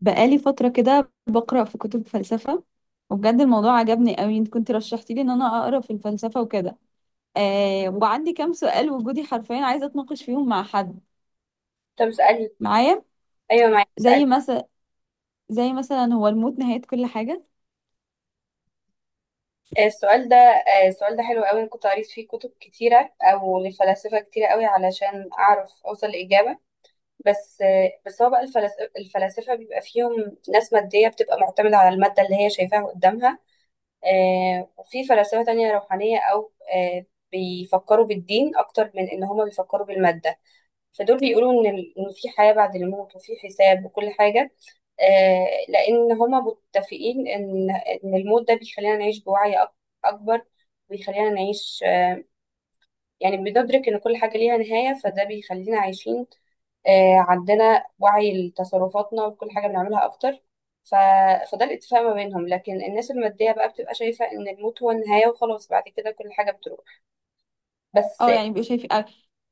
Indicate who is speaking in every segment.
Speaker 1: بقالي فترة كده بقرأ في كتب فلسفة، وبجد الموضوع عجبني قوي. انت كنت رشحتي لي ان انا اقرا في الفلسفة وكده. آه، وعندي كام سؤال وجودي حرفيا عايزة اتناقش فيهم مع حد
Speaker 2: طب اسألي.
Speaker 1: معايا.
Speaker 2: أيوة معاك،
Speaker 1: زي
Speaker 2: اسألي.
Speaker 1: مثلا زي مثلا هو الموت نهاية كل حاجة؟
Speaker 2: السؤال ده حلو قوي، أنا كنت قريت فيه كتب كتيرة أو لفلاسفة كتيرة قوي علشان أعرف أوصل لإجابة. بس هو بقى الفلاسفة بيبقى فيهم ناس مادية بتبقى معتمدة على المادة اللي هي شايفاها قدامها. وفي فلاسفة تانية روحانية، أو بيفكروا بالدين أكتر من إن هما بيفكروا بالمادة. فدول بيقولوا إن إن في حياة بعد الموت وفي حساب وكل حاجة. لأن هما متفقين إن الموت ده بيخلينا نعيش بوعي أكبر. بيخلينا نعيش، يعني بندرك إن كل حاجة ليها نهاية، فده بيخلينا عايشين، عندنا وعي لتصرفاتنا وكل حاجة بنعملها أكتر. ف... فده الاتفاق ما بينهم، لكن الناس المادية بقى بتبقى شايفة إن الموت هو النهاية وخلاص، بعد كده كل حاجة بتروح بس.
Speaker 1: اه، يعني بيبقوا شايفين،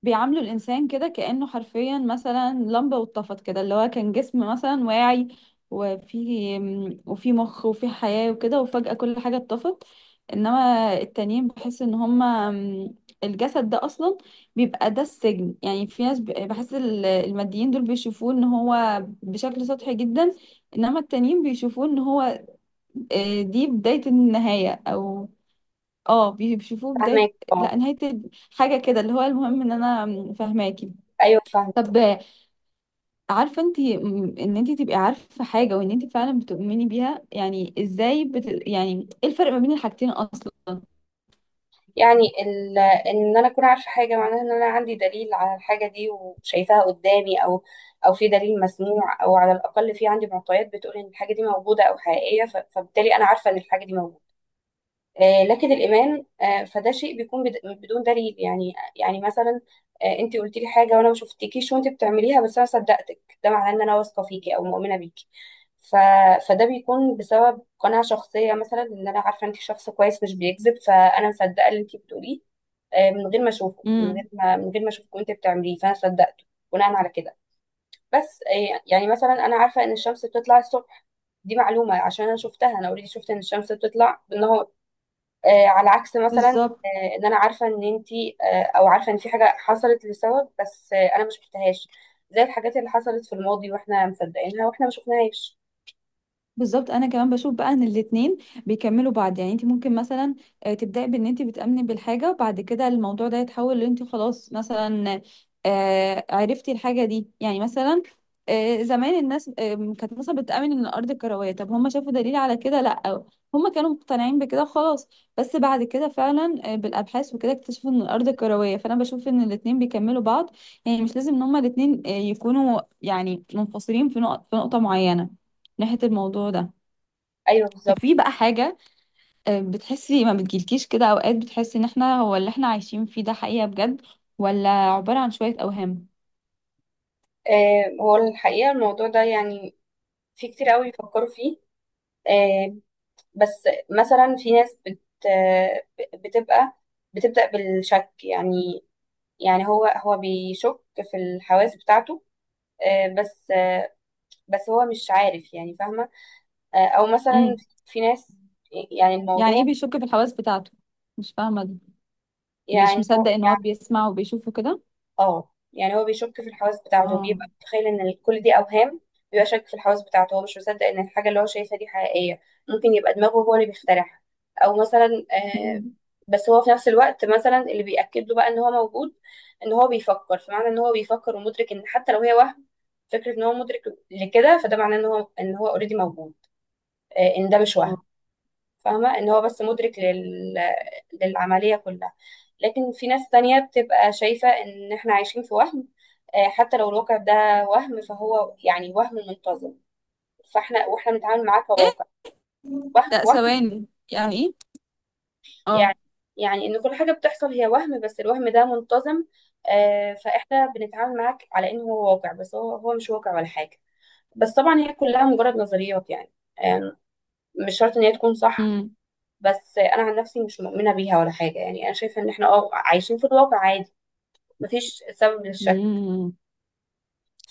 Speaker 1: بيعاملوا الانسان كده كانه حرفيا مثلا لمبه واتطفت كده، اللي هو كان جسم مثلا واعي، وفي وفي مخ وفي حياه وكده، وفجاه كل حاجه اتطفت. انما التانيين بحس ان هما، الجسد ده اصلا بيبقى ده السجن. يعني في ناس بحس الماديين دول بيشوفوه ان هو بشكل سطحي جدا، انما التانيين بيشوفوه ان هو، آه، دي بدايه النهايه، او اه بيشوفوه بداية
Speaker 2: فاهمك، اه.
Speaker 1: لا نهاية حاجة كده. اللي هو المهم ان انا فاهماكي.
Speaker 2: أيوه، فاهمة.
Speaker 1: طب، عارفة انت ان انت تبقي عارفة حاجة وان انت فعلا بتؤمني بيها، يعني ازاي يعني ايه الفرق ما بين الحاجتين اصلا؟
Speaker 2: يعني ان انا اكون عارفه حاجه معناها ان انا عندي دليل على الحاجه دي وشايفاها قدامي، او في دليل مسموع، او على الاقل في عندي معطيات بتقول ان الحاجه دي موجوده او حقيقيه. فبالتالي انا عارفه ان الحاجه دي موجوده. لكن الايمان، فده شيء بيكون بدون دليل. يعني مثلا، انت قلتي لي حاجه وانا ما شفتكيش وانت بتعمليها، بس انا صدقتك، ده معناه ان انا واثقه فيكي او مؤمنه بيكي. ف... فده بيكون بسبب قناعة شخصية، مثلا ان انا عارفة انت شخص كويس مش بيكذب، فانا مصدقة اللي انت بتقوليه، من غير ما اشوفه، من غير
Speaker 1: امم.
Speaker 2: ما من غير ما اشوفك وانت بتعمليه، فانا صدقته بناء على كده. بس آه، يعني مثلا انا عارفه ان الشمس بتطلع الصبح، دي معلومه عشان انا شفتها، انا اوريدي شفت ان الشمس بتطلع بالنهار. على عكس مثلا،
Speaker 1: بالظبط.
Speaker 2: ان انا عارفه ان انتي، او عارفه ان في حاجه حصلت لسبب، بس انا ما شفتهاش، زي الحاجات اللي حصلت في الماضي واحنا مصدقينها واحنا ما شفناهاش.
Speaker 1: بالظبط انا كمان بشوف بقى ان الاتنين بيكملوا بعض. يعني انت ممكن مثلا، تبداي بان انت بتامني بالحاجه، وبعد كده الموضوع ده يتحول ان انت خلاص مثلا، عرفتي الحاجه دي. يعني مثلا، زمان الناس كانت مثلا بتامن ان الارض كرويه، طب هم شافوا دليل على كده؟ لا، هم كانوا مقتنعين بكده وخلاص. بس بعد كده فعلا بالابحاث وكده اكتشفوا ان الارض كرويه. فانا بشوف ان الاتنين بيكملوا بعض، يعني مش لازم ان هم الاتنين يكونوا يعني منفصلين في نقطه معينه ناحيه الموضوع ده.
Speaker 2: ايوه،
Speaker 1: طب
Speaker 2: بالظبط.
Speaker 1: في بقى حاجة، بتحسي، ما بتجيلكيش كده أوقات بتحسي إن إحنا هو اللي إحنا عايشين فيه ده حقيقة بجد، ولا عبارة عن شوية أوهام؟
Speaker 2: هو الحقيقه الموضوع ده يعني في كتير قوي بيفكروا فيه. آه، بس مثلا في ناس بت بتبقى بتبدأ بالشك، يعني هو بيشك في الحواس بتاعته، آه، بس آه، بس هو مش عارف، يعني فاهمة؟ أو مثلا
Speaker 1: امم.
Speaker 2: في ناس، يعني
Speaker 1: يعني إيه
Speaker 2: الموضوع،
Speaker 1: بيشك في الحواس بتاعته؟ مش فاهمة دي. مش
Speaker 2: يعني
Speaker 1: مصدق إن هو بيسمع وبيشوفه كده؟
Speaker 2: اه يعني هو بيشك في الحواس بتاعته،
Speaker 1: اه.
Speaker 2: بيبقى متخيل ان كل دي اوهام، بيبقى شاك في الحواس بتاعته، هو مش مصدق ان الحاجه اللي هو شايفها دي حقيقيه، ممكن يبقى دماغه هو اللي بيخترعها. او مثلا آه
Speaker 1: امم.
Speaker 2: بس هو في نفس الوقت مثلا اللي بيأكد له بقى ان هو موجود ان هو بيفكر، فمعنى ان هو بيفكر ومدرك، ان حتى لو هي وهم، فكره ان هو مدرك لكده فده معناه ان هو اوريدي موجود، ان ده مش وهم.
Speaker 1: آه.
Speaker 2: فاهمة ان هو بس مدرك للعملية كلها. لكن في ناس تانية بتبقى شايفة ان احنا عايشين في وهم، حتى لو الواقع ده وهم فهو يعني وهم منتظم، واحنا بنتعامل معاه
Speaker 1: إيه؟
Speaker 2: كواقع. وهم،
Speaker 1: لا،
Speaker 2: وهم.
Speaker 1: ثواني، يعني إيه؟ آه.
Speaker 2: يعني يعني ان كل حاجة بتحصل هي وهم، بس الوهم ده منتظم، فاحنا بنتعامل معاك على انه هو واقع، بس هو مش واقع ولا حاجة. بس طبعا هي كلها مجرد نظريات يعني، آه، مش شرط ان هي تكون صح.
Speaker 1: امم.
Speaker 2: بس انا عن نفسي مش مؤمنه بيها ولا حاجه، يعني انا شايفه ان احنا عايشين في الواقع عادي، مفيش سبب للشك،
Speaker 1: امم.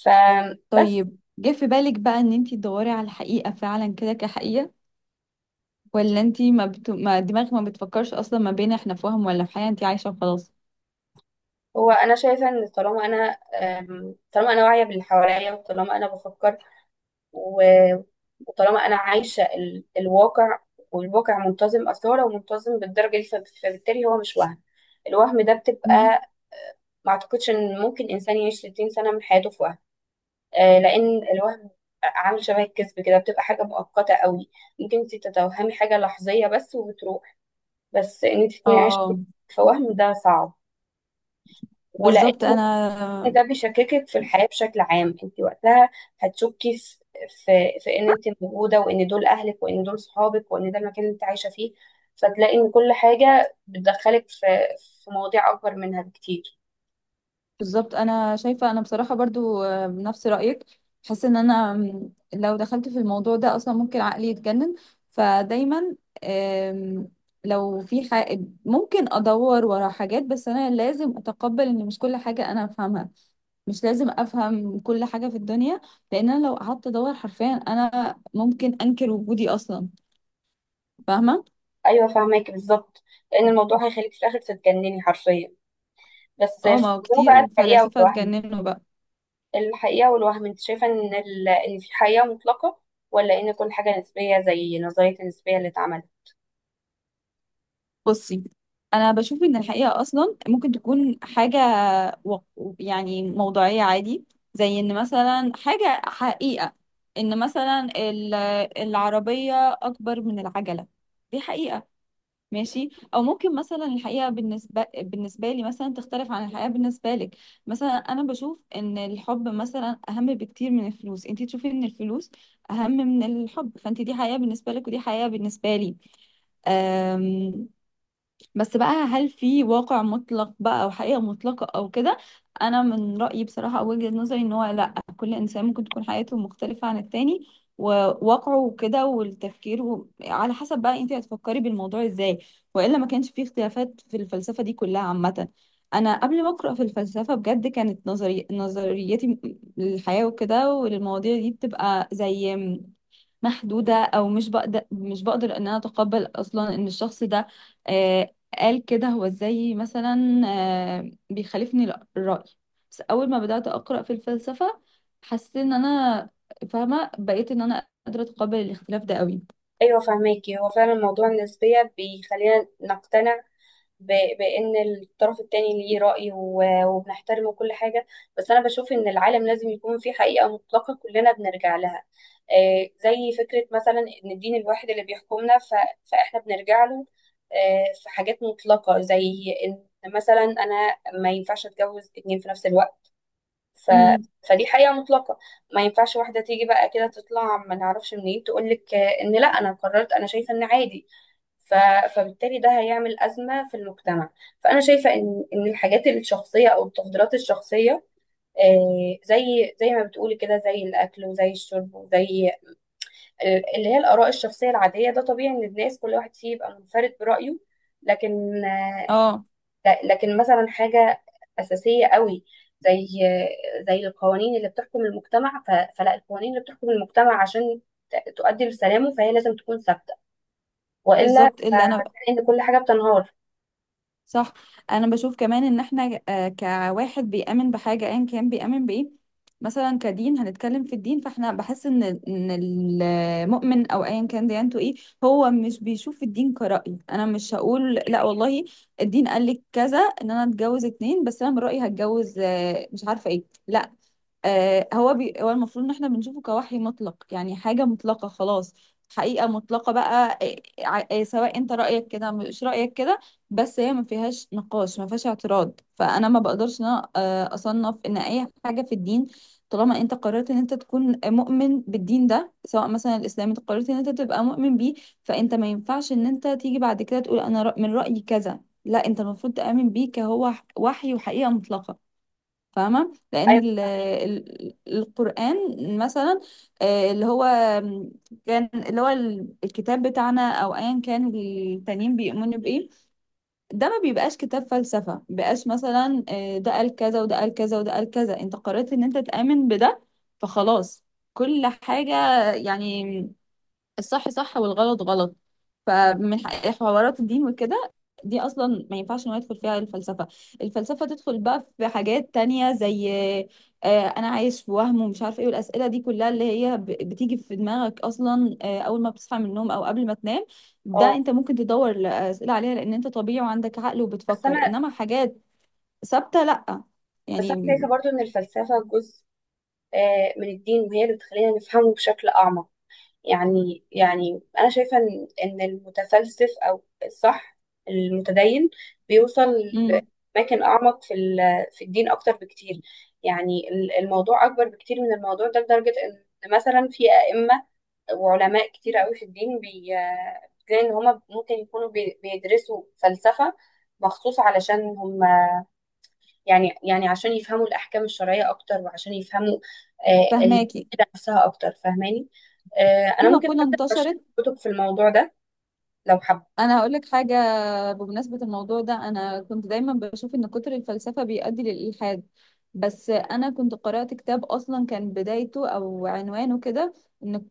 Speaker 2: فبس.
Speaker 1: طيب، جه في بالك بقى إن أنتي تدوري على الحقيقة فعلا كده كحقيقة، ولا أنتي ما, ما دماغك ما بتفكرش أصلا ما بين إحنا في وهم ولا في حقيقة، أنتي عايشة وخلاص؟
Speaker 2: هو انا شايفه ان طالما انا واعيه باللي حواليا، وطالما انا بفكر، و- وطالما انا عايشه الواقع، والواقع منتظم، اصل هو لو منتظم بالدرجه دي فبالتالي هو مش وهم. الوهم ده بتبقى، ما اعتقدش ان ممكن انسان يعيش 60 سنه من حياته في، لان الوهم عامل شبه الكذب كده، بتبقى حاجه مؤقته قوي، ممكن انت تتوهمي حاجه لحظيه بس وبتروح، بس ان انت تكوني عايشه
Speaker 1: اه.
Speaker 2: في وهم ده صعب. ولان
Speaker 1: بالظبط
Speaker 2: إن
Speaker 1: انا
Speaker 2: ده بيشككك في الحياه بشكل عام، انت وقتها هتشكي في في ان انت موجوده، وان دول اهلك، وان دول صحابك، وان ده المكان اللي انت عايشه فيه، فتلاقي ان كل حاجه بتدخلك في مواضيع اكبر منها بكتير.
Speaker 1: بالظبط انا شايفه انا بصراحه برضو بنفس رايك. حاسه ان انا، لو دخلت في الموضوع ده اصلا ممكن عقلي يتجنن. فدايما، آم، لو في حاجة ممكن ادور ورا حاجات، بس انا لازم اتقبل ان مش كل حاجه انا افهمها. مش لازم افهم كل حاجه في الدنيا، لان انا لو قعدت ادور حرفيا انا ممكن انكر وجودي اصلا. فاهمه؟
Speaker 2: ايوه، فاهمك بالظبط، لان الموضوع هيخليك في الاخر تتجنني حرفيا. بس
Speaker 1: اه، ما
Speaker 2: في
Speaker 1: هو
Speaker 2: موضوع بقى
Speaker 1: كتير
Speaker 2: الحقيقة
Speaker 1: فلاسفه
Speaker 2: والوهم
Speaker 1: اتجننوا بقى.
Speaker 2: الحقيقة والوهم انت شايفة ان ان في حقيقة مطلقة، ولا ان كل حاجة نسبية زي نظرية النسبية اللي اتعملت؟
Speaker 1: بصي، انا بشوف ان الحقيقه اصلا ممكن تكون حاجه و... يعني موضوعيه عادي. زي ان مثلا حاجه حقيقه ان مثلا العربيه اكبر من العجله، دي حقيقه. ماشي، او ممكن مثلا الحقيقه بالنسبه لي مثلا تختلف عن الحقيقه بالنسبه لك. مثلا انا بشوف ان الحب مثلا اهم بكتير من الفلوس، انت تشوفي ان الفلوس اهم من الحب، فانت دي حقيقه بالنسبه لك ودي حقيقه بالنسبه لي. آمم. بس بقى، هل في واقع مطلق بقى، او حقيقة مطلقة او كده؟ انا من رأيي بصراحة او وجهة نظري ان هو لا، كل انسان ممكن تكون حياته مختلفة عن التاني، وواقعه وكده والتفكير على حسب بقى انت هتفكري بالموضوع ازاي، والا ما كانش فيه اختلافات في الفلسفة دي كلها عامة. انا قبل ما اقرا في الفلسفة بجد كانت نظريتي للحياة وكده وللمواضيع دي بتبقى زي محدودة، أو مش بقدر إن أنا أتقبل أصلا إن الشخص ده، آه، قال كده. هو إزاي مثلا بيخالفني الرأي؟ بس أول ما بدأت أقرأ في الفلسفة حسيت إن أنا فاهمة، بقيت إن أنا قادرة أتقبل الاختلاف ده قوي.
Speaker 2: ايوه، فهماكي. هو فعلا موضوع النسبية بيخلينا نقتنع بان الطرف التاني ليه رأي، وبنحترمه وكل حاجة. بس انا بشوف ان العالم لازم يكون فيه حقيقة مطلقة كلنا بنرجع لها، زي فكرة مثلا ان الدين الواحد اللي بيحكمنا فاحنا بنرجع له. في حاجات مطلقة، زي ان مثلا انا ما ينفعش اتجوز اتنين في نفس الوقت. ف...
Speaker 1: امم.
Speaker 2: فدي حقيقة مطلقة، ما ينفعش واحدة تيجي بقى كده تطلع ما نعرفش منين تقولك، ان لا، انا قررت، انا شايفة ان عادي. ف... فبالتالي ده هيعمل أزمة في المجتمع. فأنا شايفة إن الحاجات الشخصية أو التفضيلات الشخصية، زي ما بتقولي كده، زي الأكل وزي الشرب وزي اللي هي الآراء الشخصية العادية، ده طبيعي إن الناس كل واحد فيه يبقى منفرد برأيه. لكن آه،
Speaker 1: اه،
Speaker 2: لكن مثلا حاجة أساسية قوي زي القوانين اللي بتحكم المجتمع، فلا، القوانين اللي بتحكم المجتمع عشان تؤدي لسلامه فهي لازم تكون ثابتة، وإلا
Speaker 1: بالظبط اللي أنا.
Speaker 2: هتلاقي إن كل حاجة بتنهار.
Speaker 1: صح. انا بشوف كمان ان احنا، كواحد بيؤمن بحاجه، ايا كان بيؤمن بايه، مثلا كدين هنتكلم في الدين. فاحنا بحس ان ان المؤمن، او ايا كان ديانته ايه، هو مش بيشوف الدين كرأي. انا مش هقول لا والله، الدين قال لي كذا ان انا اتجوز اتنين، بس انا من رأيي هتجوز، مش عارفه ايه، لا. هو هو المفروض ان احنا بنشوفه كوحي مطلق، يعني حاجة مطلقة خلاص، حقيقة مطلقة بقى. سواء انت رأيك كده مش رأيك كده، بس هي ما فيهاش نقاش ما فيهاش اعتراض. فانا ما بقدرش ان انا اصنف ان اي حاجة في الدين طالما انت قررت ان انت تكون مؤمن بالدين ده، سواء مثلا الاسلام، انت قررت ان انت تبقى مؤمن بيه، فانت ما ينفعش ان انت تيجي بعد كده تقول انا من رأيي كذا. لا، انت المفروض تؤمن بيه كهو وحي وحقيقة مطلقة، فاهمة؟ لأن
Speaker 2: ايوه،
Speaker 1: ال
Speaker 2: فاهمك.
Speaker 1: ال القرآن مثلا، آه، اللي هو اللي هو الكتاب بتاعنا أو أيا كان التانيين بيؤمنوا بإيه، ده ما بيبقاش كتاب فلسفة، مبيبقاش مثلا ده قال كذا وده قال كذا وده قال كذا، أنت قررت إن أنت تآمن بده فخلاص. كل حاجة يعني الصح صح والغلط غلط. فمن حوارات الدين وكده، دي اصلا ما ينفعش ان هو يدخل فيها الفلسفه. الفلسفه تدخل بقى في حاجات تانية، زي انا عايش في وهم ومش عارف ايه، والاسئله دي كلها اللي هي بتيجي في دماغك اصلا اول ما بتصحى من النوم او قبل ما تنام. ده
Speaker 2: اه،
Speaker 1: انت ممكن تدور الاسئله عليها، لان انت طبيعي وعندك عقل
Speaker 2: بس
Speaker 1: وبتفكر.
Speaker 2: انا
Speaker 1: انما حاجات ثابته لا.
Speaker 2: بس انا
Speaker 1: يعني.
Speaker 2: شايفه برضو ان الفلسفه جزء من الدين، وهي اللي بتخلينا نفهمه بشكل اعمق. يعني انا شايفه إن المتفلسف، او الصح المتدين، بيوصل
Speaker 1: امم.
Speaker 2: لأماكن اعمق في الدين اكتر بكتير. يعني الموضوع اكبر بكتير من الموضوع ده، لدرجه ان مثلا في ائمه وعلماء كتير قوي في الدين، بي آه، بتلاقي ان هما ممكن يكونوا بيدرسوا فلسفه مخصوص علشان هم يعني، عشان يفهموا الأحكام الشرعية أكتر، وعشان يفهموا
Speaker 1: فهماكي.
Speaker 2: العقيدة نفسها أكتر، فاهماني؟
Speaker 1: في
Speaker 2: أنا ممكن
Speaker 1: مقوله
Speaker 2: حتى أرشح لك
Speaker 1: انتشرت.
Speaker 2: كتب في الموضوع ده لو حابة.
Speaker 1: انا هقول لك حاجه بمناسبة الموضوع ده. أنا كنت دايما بشوف إن كتر الفلسفة بيؤدي للإلحاد، بس أنا كنت قرأت كتاب أصلا كان بدايته أو عنوانه كده، إن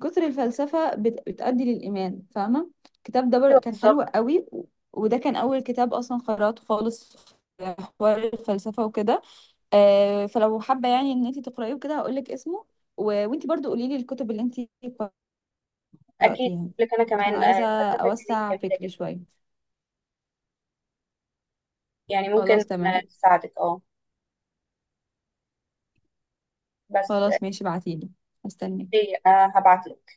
Speaker 1: كتر الفلسفة بتؤدي للإيمان، فاهمة؟ الكتاب ده
Speaker 2: أيوة،
Speaker 1: كان حلو
Speaker 2: بالظبط.
Speaker 1: قوي، وده كان أول كتاب أصلا قرأته خالص في حوار الفلسفة وكده. فلو حابة يعني إن أنت تقرأيه وكده هقولك اسمه، وأنت برضو قوليلي الكتب اللي أنت
Speaker 2: أكيد،
Speaker 1: قرأتيها،
Speaker 2: لك أنا
Speaker 1: عشان
Speaker 2: كمان
Speaker 1: عايزة
Speaker 2: فلسفة كتير
Speaker 1: أوسع
Speaker 2: جميلة
Speaker 1: فكري
Speaker 2: جدا،
Speaker 1: شوية.
Speaker 2: يعني ممكن
Speaker 1: خلاص، تمام.
Speaker 2: تساعدك. أه. بس آه،
Speaker 1: خلاص، ماشي، ابعتيلي، هستناك.
Speaker 2: إيه، هبعت لك.